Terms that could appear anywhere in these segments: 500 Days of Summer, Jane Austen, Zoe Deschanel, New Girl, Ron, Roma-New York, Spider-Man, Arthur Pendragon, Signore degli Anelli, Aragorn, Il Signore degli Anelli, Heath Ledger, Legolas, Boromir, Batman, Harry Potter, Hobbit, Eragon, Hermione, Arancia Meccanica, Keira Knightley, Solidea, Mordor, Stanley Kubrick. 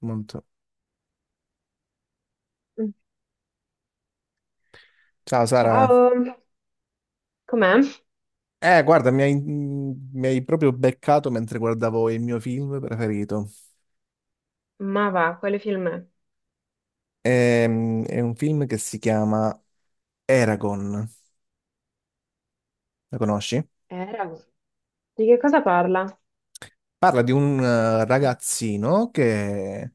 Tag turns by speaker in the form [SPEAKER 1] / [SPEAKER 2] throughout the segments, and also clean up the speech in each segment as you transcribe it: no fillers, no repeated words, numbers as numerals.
[SPEAKER 1] Molto.
[SPEAKER 2] Mm,
[SPEAKER 1] Ciao Sara.
[SPEAKER 2] ciao, com'è?
[SPEAKER 1] Guarda, mi hai proprio beccato mentre guardavo il mio film preferito.
[SPEAKER 2] Ma va, quale film è?
[SPEAKER 1] Un film che si chiama Eragon. La conosci?
[SPEAKER 2] Eragon. Di che cosa parla?
[SPEAKER 1] Parla di un ragazzino che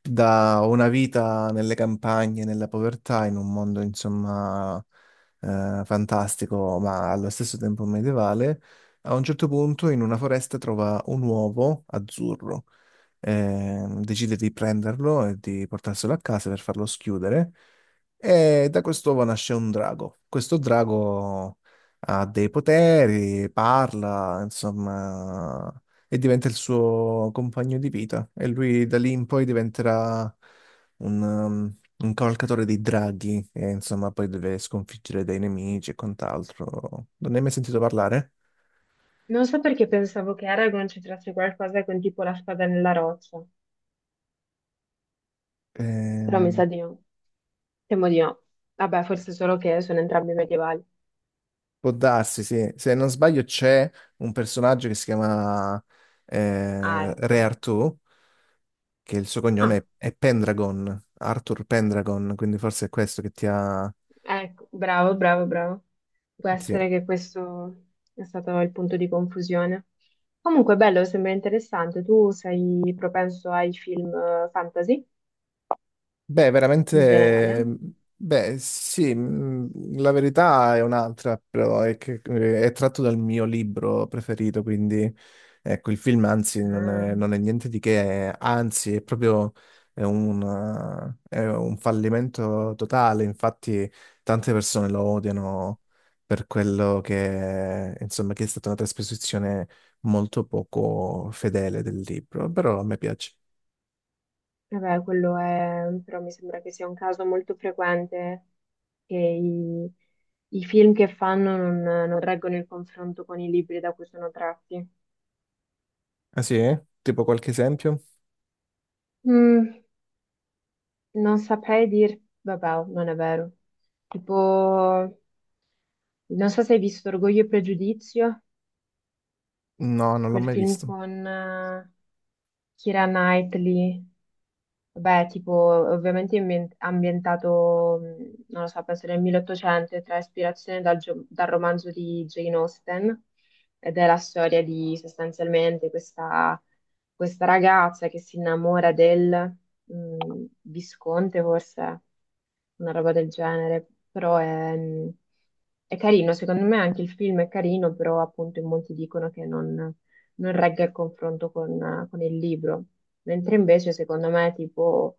[SPEAKER 1] da una vita nelle campagne, nella povertà, in un mondo, insomma, fantastico, ma allo stesso tempo medievale, a un certo punto in una foresta trova un uovo azzurro. Decide di prenderlo e di portarselo a casa per farlo schiudere. E da quest'uovo nasce un drago. Questo drago ha dei poteri, parla, insomma, e diventa il suo compagno di vita. E lui da lì in poi diventerà un cavalcatore dei draghi, e insomma, poi deve sconfiggere dei nemici e quant'altro. Non ne hai mai sentito parlare?
[SPEAKER 2] Non so perché pensavo che Eragon c'entrasse qualcosa con tipo la spada nella roccia, però mi
[SPEAKER 1] Ehm,
[SPEAKER 2] sa di no. Temo di no. Vabbè, forse solo che sono entrambi medievali.
[SPEAKER 1] Può darsi, sì. Se non sbaglio c'è un personaggio che si chiama
[SPEAKER 2] Ah,
[SPEAKER 1] Re
[SPEAKER 2] ecco.
[SPEAKER 1] Artù, che il suo cognome
[SPEAKER 2] Ah,
[SPEAKER 1] è Pendragon, Arthur Pendragon, quindi forse è questo che ti ha...
[SPEAKER 2] ecco, bravo, bravo, bravo. Può
[SPEAKER 1] sì.
[SPEAKER 2] essere che questo è stato il punto di confusione. Comunque, bello, sembra interessante. Tu sei propenso ai film fantasy
[SPEAKER 1] Beh,
[SPEAKER 2] in
[SPEAKER 1] veramente,
[SPEAKER 2] generale?
[SPEAKER 1] beh, sì, la verità è un'altra, però è che è tratto dal mio libro preferito, quindi ecco, il film anzi
[SPEAKER 2] Ah.
[SPEAKER 1] non è niente di che, anzi è proprio è un, è un fallimento totale, infatti tante persone lo odiano per quello che, insomma, che è stata una trasposizione molto poco fedele del libro, però a me piace.
[SPEAKER 2] Vabbè, quello è, però mi sembra che sia un caso molto frequente che i film che fanno non reggono il confronto con i libri da cui sono tratti.
[SPEAKER 1] Ah sì? Tipo qualche esempio?
[SPEAKER 2] Mm, non saprei dir, vabbè, non è vero. Tipo, non so se hai visto Orgoglio e Pregiudizio,
[SPEAKER 1] No, non l'ho
[SPEAKER 2] quel
[SPEAKER 1] mai
[SPEAKER 2] film
[SPEAKER 1] visto.
[SPEAKER 2] con Keira Knightley. Beh, tipo, ovviamente ambientato, non lo so, penso nel 1800, e trae ispirazione dal romanzo di Jane Austen, ed è la storia di sostanzialmente questa ragazza che si innamora del visconte, forse, una roba del genere, però è carino, secondo me anche il film è carino, però appunto in molti dicono che non regga il confronto con il libro. Mentre invece secondo me tipo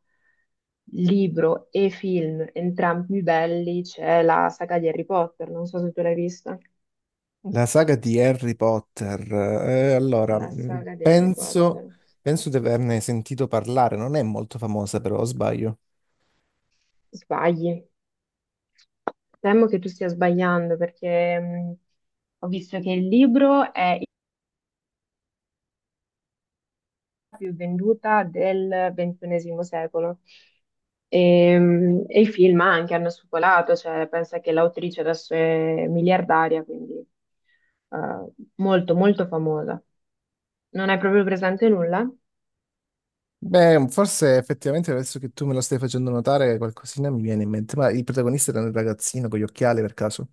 [SPEAKER 2] libro e film, entrambi belli, c'è la saga di Harry Potter, non so se tu l'hai vista.
[SPEAKER 1] La saga di Harry Potter. Allora,
[SPEAKER 2] La saga di Harry Potter.
[SPEAKER 1] penso di averne sentito parlare. Non è molto famosa, però, o sbaglio.
[SPEAKER 2] Sbagli. Temo che tu stia sbagliando perché ho visto che il libro è la più venduta del XXI secolo e i film anche hanno spopolato, cioè pensa che l'autrice adesso è miliardaria, quindi eh, molto molto famosa. Non hai proprio presente nulla?
[SPEAKER 1] Beh, forse effettivamente adesso che tu me lo stai facendo notare, qualcosina mi viene in mente. Ma il protagonista era un ragazzino con gli occhiali per caso.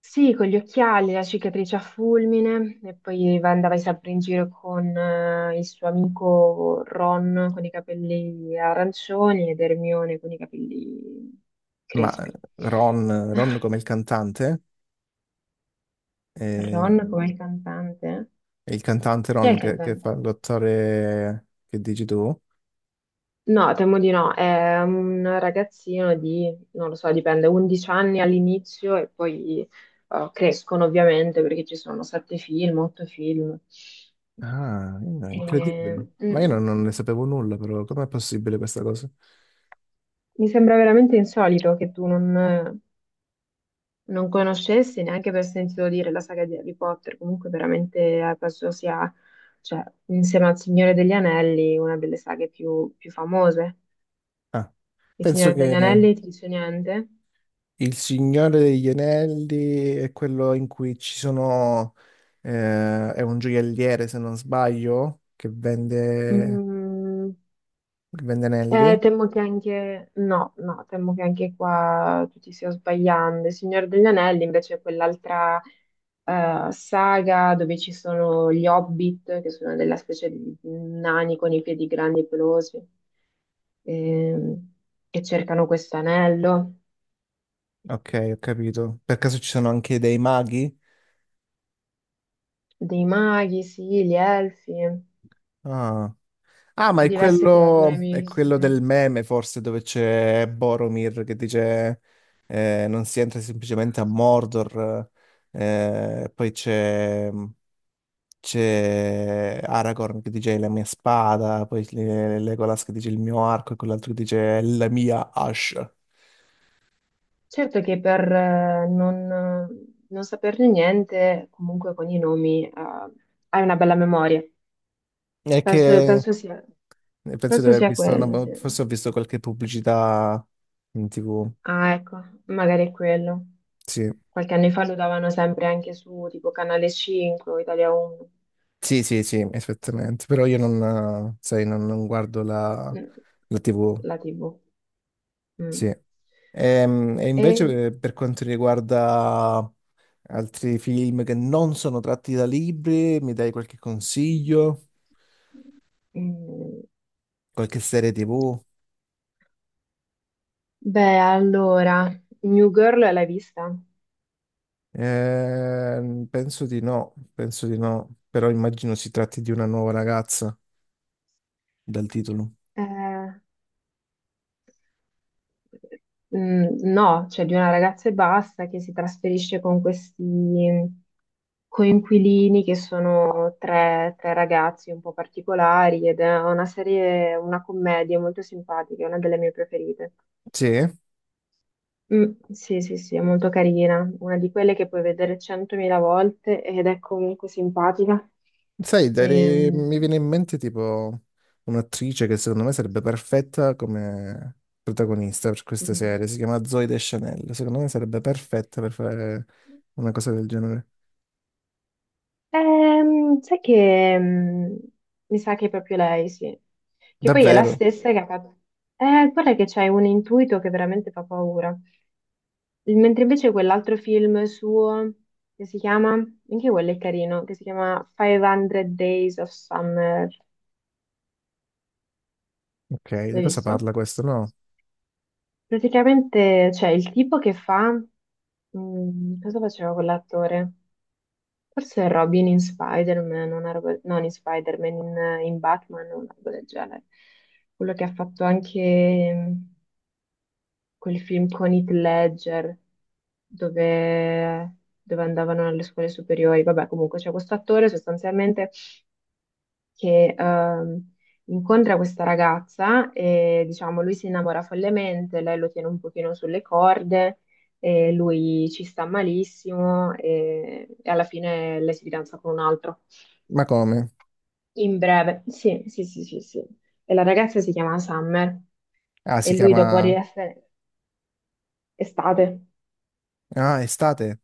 [SPEAKER 2] Sì, con gli occhiali, la cicatrice a fulmine, e poi andava sempre in giro con il suo amico Ron con i capelli arancioni ed Hermione con i capelli
[SPEAKER 1] Ma eh,
[SPEAKER 2] crespi.
[SPEAKER 1] Ron come il cantante, eh,
[SPEAKER 2] Ron come il cantante?
[SPEAKER 1] è il cantante
[SPEAKER 2] Chi è
[SPEAKER 1] Ron
[SPEAKER 2] il
[SPEAKER 1] che
[SPEAKER 2] cantante?
[SPEAKER 1] fa l'attore che dici tu.
[SPEAKER 2] No, temo di no, è un ragazzino di, non lo so, dipende, 11 anni all'inizio e poi crescono ovviamente perché ci sono sette film, otto film.
[SPEAKER 1] Ah,
[SPEAKER 2] Eh,
[SPEAKER 1] incredibile. Ma io
[SPEAKER 2] mm,
[SPEAKER 1] non ne sapevo nulla, però com'è possibile questa cosa?
[SPEAKER 2] Mi sembra veramente insolito che tu non conoscessi neanche per sentito dire la saga di Harry Potter. Comunque, veramente penso sia, cioè, insieme al Signore degli Anelli, una delle saghe più famose.
[SPEAKER 1] Ah,
[SPEAKER 2] Il
[SPEAKER 1] penso
[SPEAKER 2] Signore degli
[SPEAKER 1] che
[SPEAKER 2] Anelli ti dice niente?
[SPEAKER 1] Il Signore degli Anelli è quello in cui ci sono... è un gioielliere, se non sbaglio,
[SPEAKER 2] Mm,
[SPEAKER 1] che vende anelli.
[SPEAKER 2] temo che anche, no, no, temo che anche qua tu ti stia sbagliando. Il Signore degli Anelli invece è quell'altra. Saga dove ci sono gli Hobbit, che sono della specie di nani con i piedi grandi e pelosi, ehm, che cercano questo anello,
[SPEAKER 1] Ok, ho capito. Per caso ci sono anche dei maghi?
[SPEAKER 2] dei maghi, sì, gli elfi,
[SPEAKER 1] Ah. Ah, ma
[SPEAKER 2] diverse creature
[SPEAKER 1] è quello
[SPEAKER 2] mistiche.
[SPEAKER 1] del meme, forse, dove c'è Boromir che dice non si entra semplicemente a Mordor. Poi c'è Aragorn che dice la mia spada, Legolas che dice il mio arco e quell'altro che dice la mia ascia.
[SPEAKER 2] Certo che per non saperne niente, comunque con i nomi, hai una bella memoria.
[SPEAKER 1] È che
[SPEAKER 2] Penso sia,
[SPEAKER 1] penso di
[SPEAKER 2] penso
[SPEAKER 1] aver
[SPEAKER 2] sia
[SPEAKER 1] visto,
[SPEAKER 2] quello, sì.
[SPEAKER 1] forse ho visto qualche pubblicità in TV.
[SPEAKER 2] Ah, ecco, magari è quello.
[SPEAKER 1] Sì.
[SPEAKER 2] Qualche anno fa lo davano sempre anche su tipo Canale 5 o Italia 1,
[SPEAKER 1] Sì, esattamente, però io non, sai, non guardo
[SPEAKER 2] mm,
[SPEAKER 1] la TV,
[SPEAKER 2] la TV. Mm.
[SPEAKER 1] sì.
[SPEAKER 2] E...
[SPEAKER 1] Invece, per quanto riguarda altri film che non sono tratti da libri, mi dai qualche consiglio?
[SPEAKER 2] mm,
[SPEAKER 1] Qualche serie TV?
[SPEAKER 2] beh, allora, New Girl l'hai vista?
[SPEAKER 1] Penso di no, penso di no, però immagino si tratti di una nuova ragazza dal titolo.
[SPEAKER 2] Eh, no, cioè di una ragazza e basta che si trasferisce con questi coinquilini che sono tre ragazzi un po' particolari ed è una serie, una commedia molto simpatica, è una delle mie preferite.
[SPEAKER 1] Sì?
[SPEAKER 2] Mm, sì, sì, sì, è molto carina, una di quelle che puoi vedere centomila volte ed è comunque simpatica.
[SPEAKER 1] Sai,
[SPEAKER 2] Ehm,
[SPEAKER 1] mi viene in mente tipo un'attrice che secondo me sarebbe perfetta come protagonista per queste
[SPEAKER 2] mm.
[SPEAKER 1] serie, si chiama Zoe Deschanel, secondo me sarebbe perfetta per fare una cosa del genere.
[SPEAKER 2] Sai che mi sa che è proprio lei, sì. Che poi è la
[SPEAKER 1] Davvero?
[SPEAKER 2] stessa che ha fatto. Guarda che c'è un intuito che veramente fa paura. Mentre invece quell'altro film suo, che si chiama, anche quello è carino, che si chiama 500 Days of Summer,
[SPEAKER 1] Ok, di
[SPEAKER 2] l'hai
[SPEAKER 1] cosa parla
[SPEAKER 2] visto?
[SPEAKER 1] questo? No?
[SPEAKER 2] Praticamente c'è il tipo che fa, mm, cosa faceva quell'attore? Forse è Robin in Spider-Man, una roba, non in in Batman, una roba del genere. Quello che ha fatto anche... quel film con Heath Ledger dove, dove andavano alle scuole superiori. Vabbè, comunque c'è questo attore sostanzialmente che incontra questa ragazza e diciamo lui si innamora follemente, lei lo tiene un pochino sulle corde. E lui ci sta malissimo e alla fine lei si fidanza con un altro.
[SPEAKER 1] Ma come?
[SPEAKER 2] In breve, sì, sì, sì, sì, sì. E la ragazza si chiama Summer
[SPEAKER 1] Ah,
[SPEAKER 2] e
[SPEAKER 1] si
[SPEAKER 2] lui dopo di
[SPEAKER 1] chiama...
[SPEAKER 2] essere estate.
[SPEAKER 1] Ah, Estate?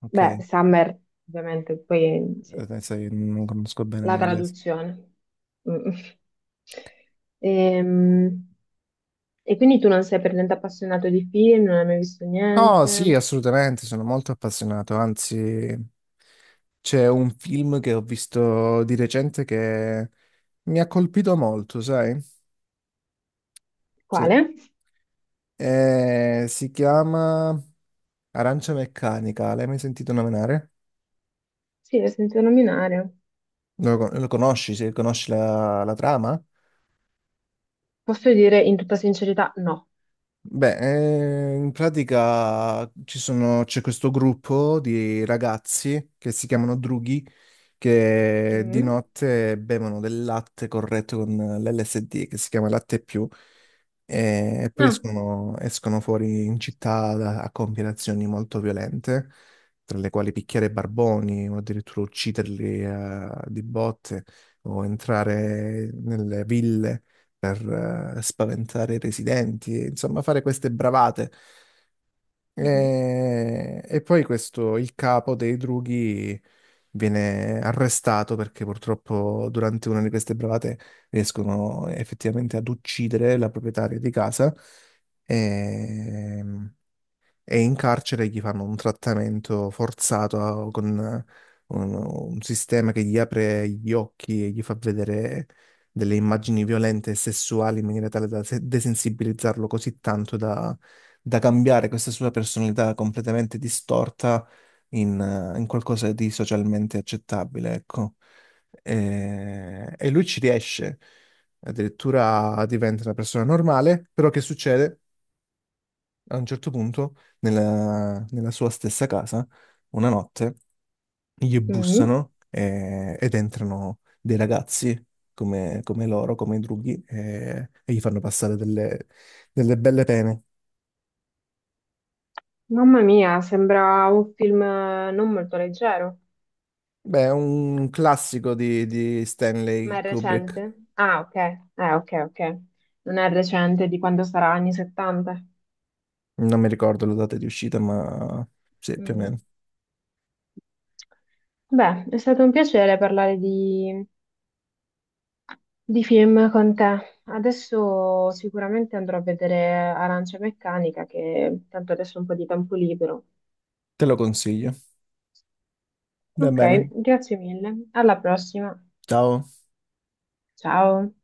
[SPEAKER 1] Ok,
[SPEAKER 2] Beh, Summer, ovviamente, poi sì,
[SPEAKER 1] sai, non conosco bene
[SPEAKER 2] la
[SPEAKER 1] l'inglese.
[SPEAKER 2] traduzione. Mm. Ehm, E quindi tu non sei per niente appassionato di film, non hai mai visto
[SPEAKER 1] Oh sì,
[SPEAKER 2] niente?
[SPEAKER 1] assolutamente, sono molto appassionato, anzi c'è un film che ho visto di recente che mi ha colpito molto, sai? Sì.
[SPEAKER 2] Quale?
[SPEAKER 1] Si chiama Arancia Meccanica. L'hai mai sentito nominare?
[SPEAKER 2] Sì, l'ho sentito nominare.
[SPEAKER 1] Lo conosci? Se conosci la trama?
[SPEAKER 2] Posso dire in tutta sincerità no.
[SPEAKER 1] Beh, in pratica c'è questo gruppo di ragazzi che si chiamano drughi che di
[SPEAKER 2] Mm?
[SPEAKER 1] notte bevono del latte corretto con l'LSD che si chiama latte più e poi
[SPEAKER 2] Ah.
[SPEAKER 1] escono fuori in città a compiere azioni molto violente, tra le quali picchiare barboni o addirittura ucciderli di botte o entrare nelle ville per spaventare i residenti, e, insomma, fare queste bravate.
[SPEAKER 2] Mhm.
[SPEAKER 1] E poi questo, il capo dei drughi viene arrestato perché purtroppo durante una di queste bravate riescono effettivamente ad uccidere la proprietaria di casa. E, e in carcere gli fanno un trattamento forzato con un sistema che gli apre gli occhi e gli fa vedere delle immagini violente e sessuali in maniera tale da desensibilizzarlo così tanto da, da cambiare questa sua personalità completamente distorta in, in qualcosa di socialmente accettabile, ecco. E lui ci riesce, addirittura diventa una persona normale, però che succede? A un certo punto, nella sua stessa casa, una notte, gli
[SPEAKER 2] Mm?
[SPEAKER 1] bussano ed entrano dei ragazzi come loro, come i drughi, e gli fanno passare delle belle pene.
[SPEAKER 2] Mamma mia, sembra un film non molto leggero.
[SPEAKER 1] Beh, è un classico di
[SPEAKER 2] Ma
[SPEAKER 1] Stanley
[SPEAKER 2] è
[SPEAKER 1] Kubrick.
[SPEAKER 2] recente? Ah, ok. Ok, ok. Non è recente di quando sarà anni 70.
[SPEAKER 1] Non mi ricordo la data di uscita, ma sì, più o
[SPEAKER 2] Mm.
[SPEAKER 1] meno.
[SPEAKER 2] Beh, è stato un piacere parlare di film con te. Adesso sicuramente andrò a vedere Arancia Meccanica, che tanto adesso ho un po' di tempo libero.
[SPEAKER 1] Te lo consiglio. Va
[SPEAKER 2] Ok,
[SPEAKER 1] bene.
[SPEAKER 2] grazie mille. Alla prossima.
[SPEAKER 1] Ciao.
[SPEAKER 2] Ciao.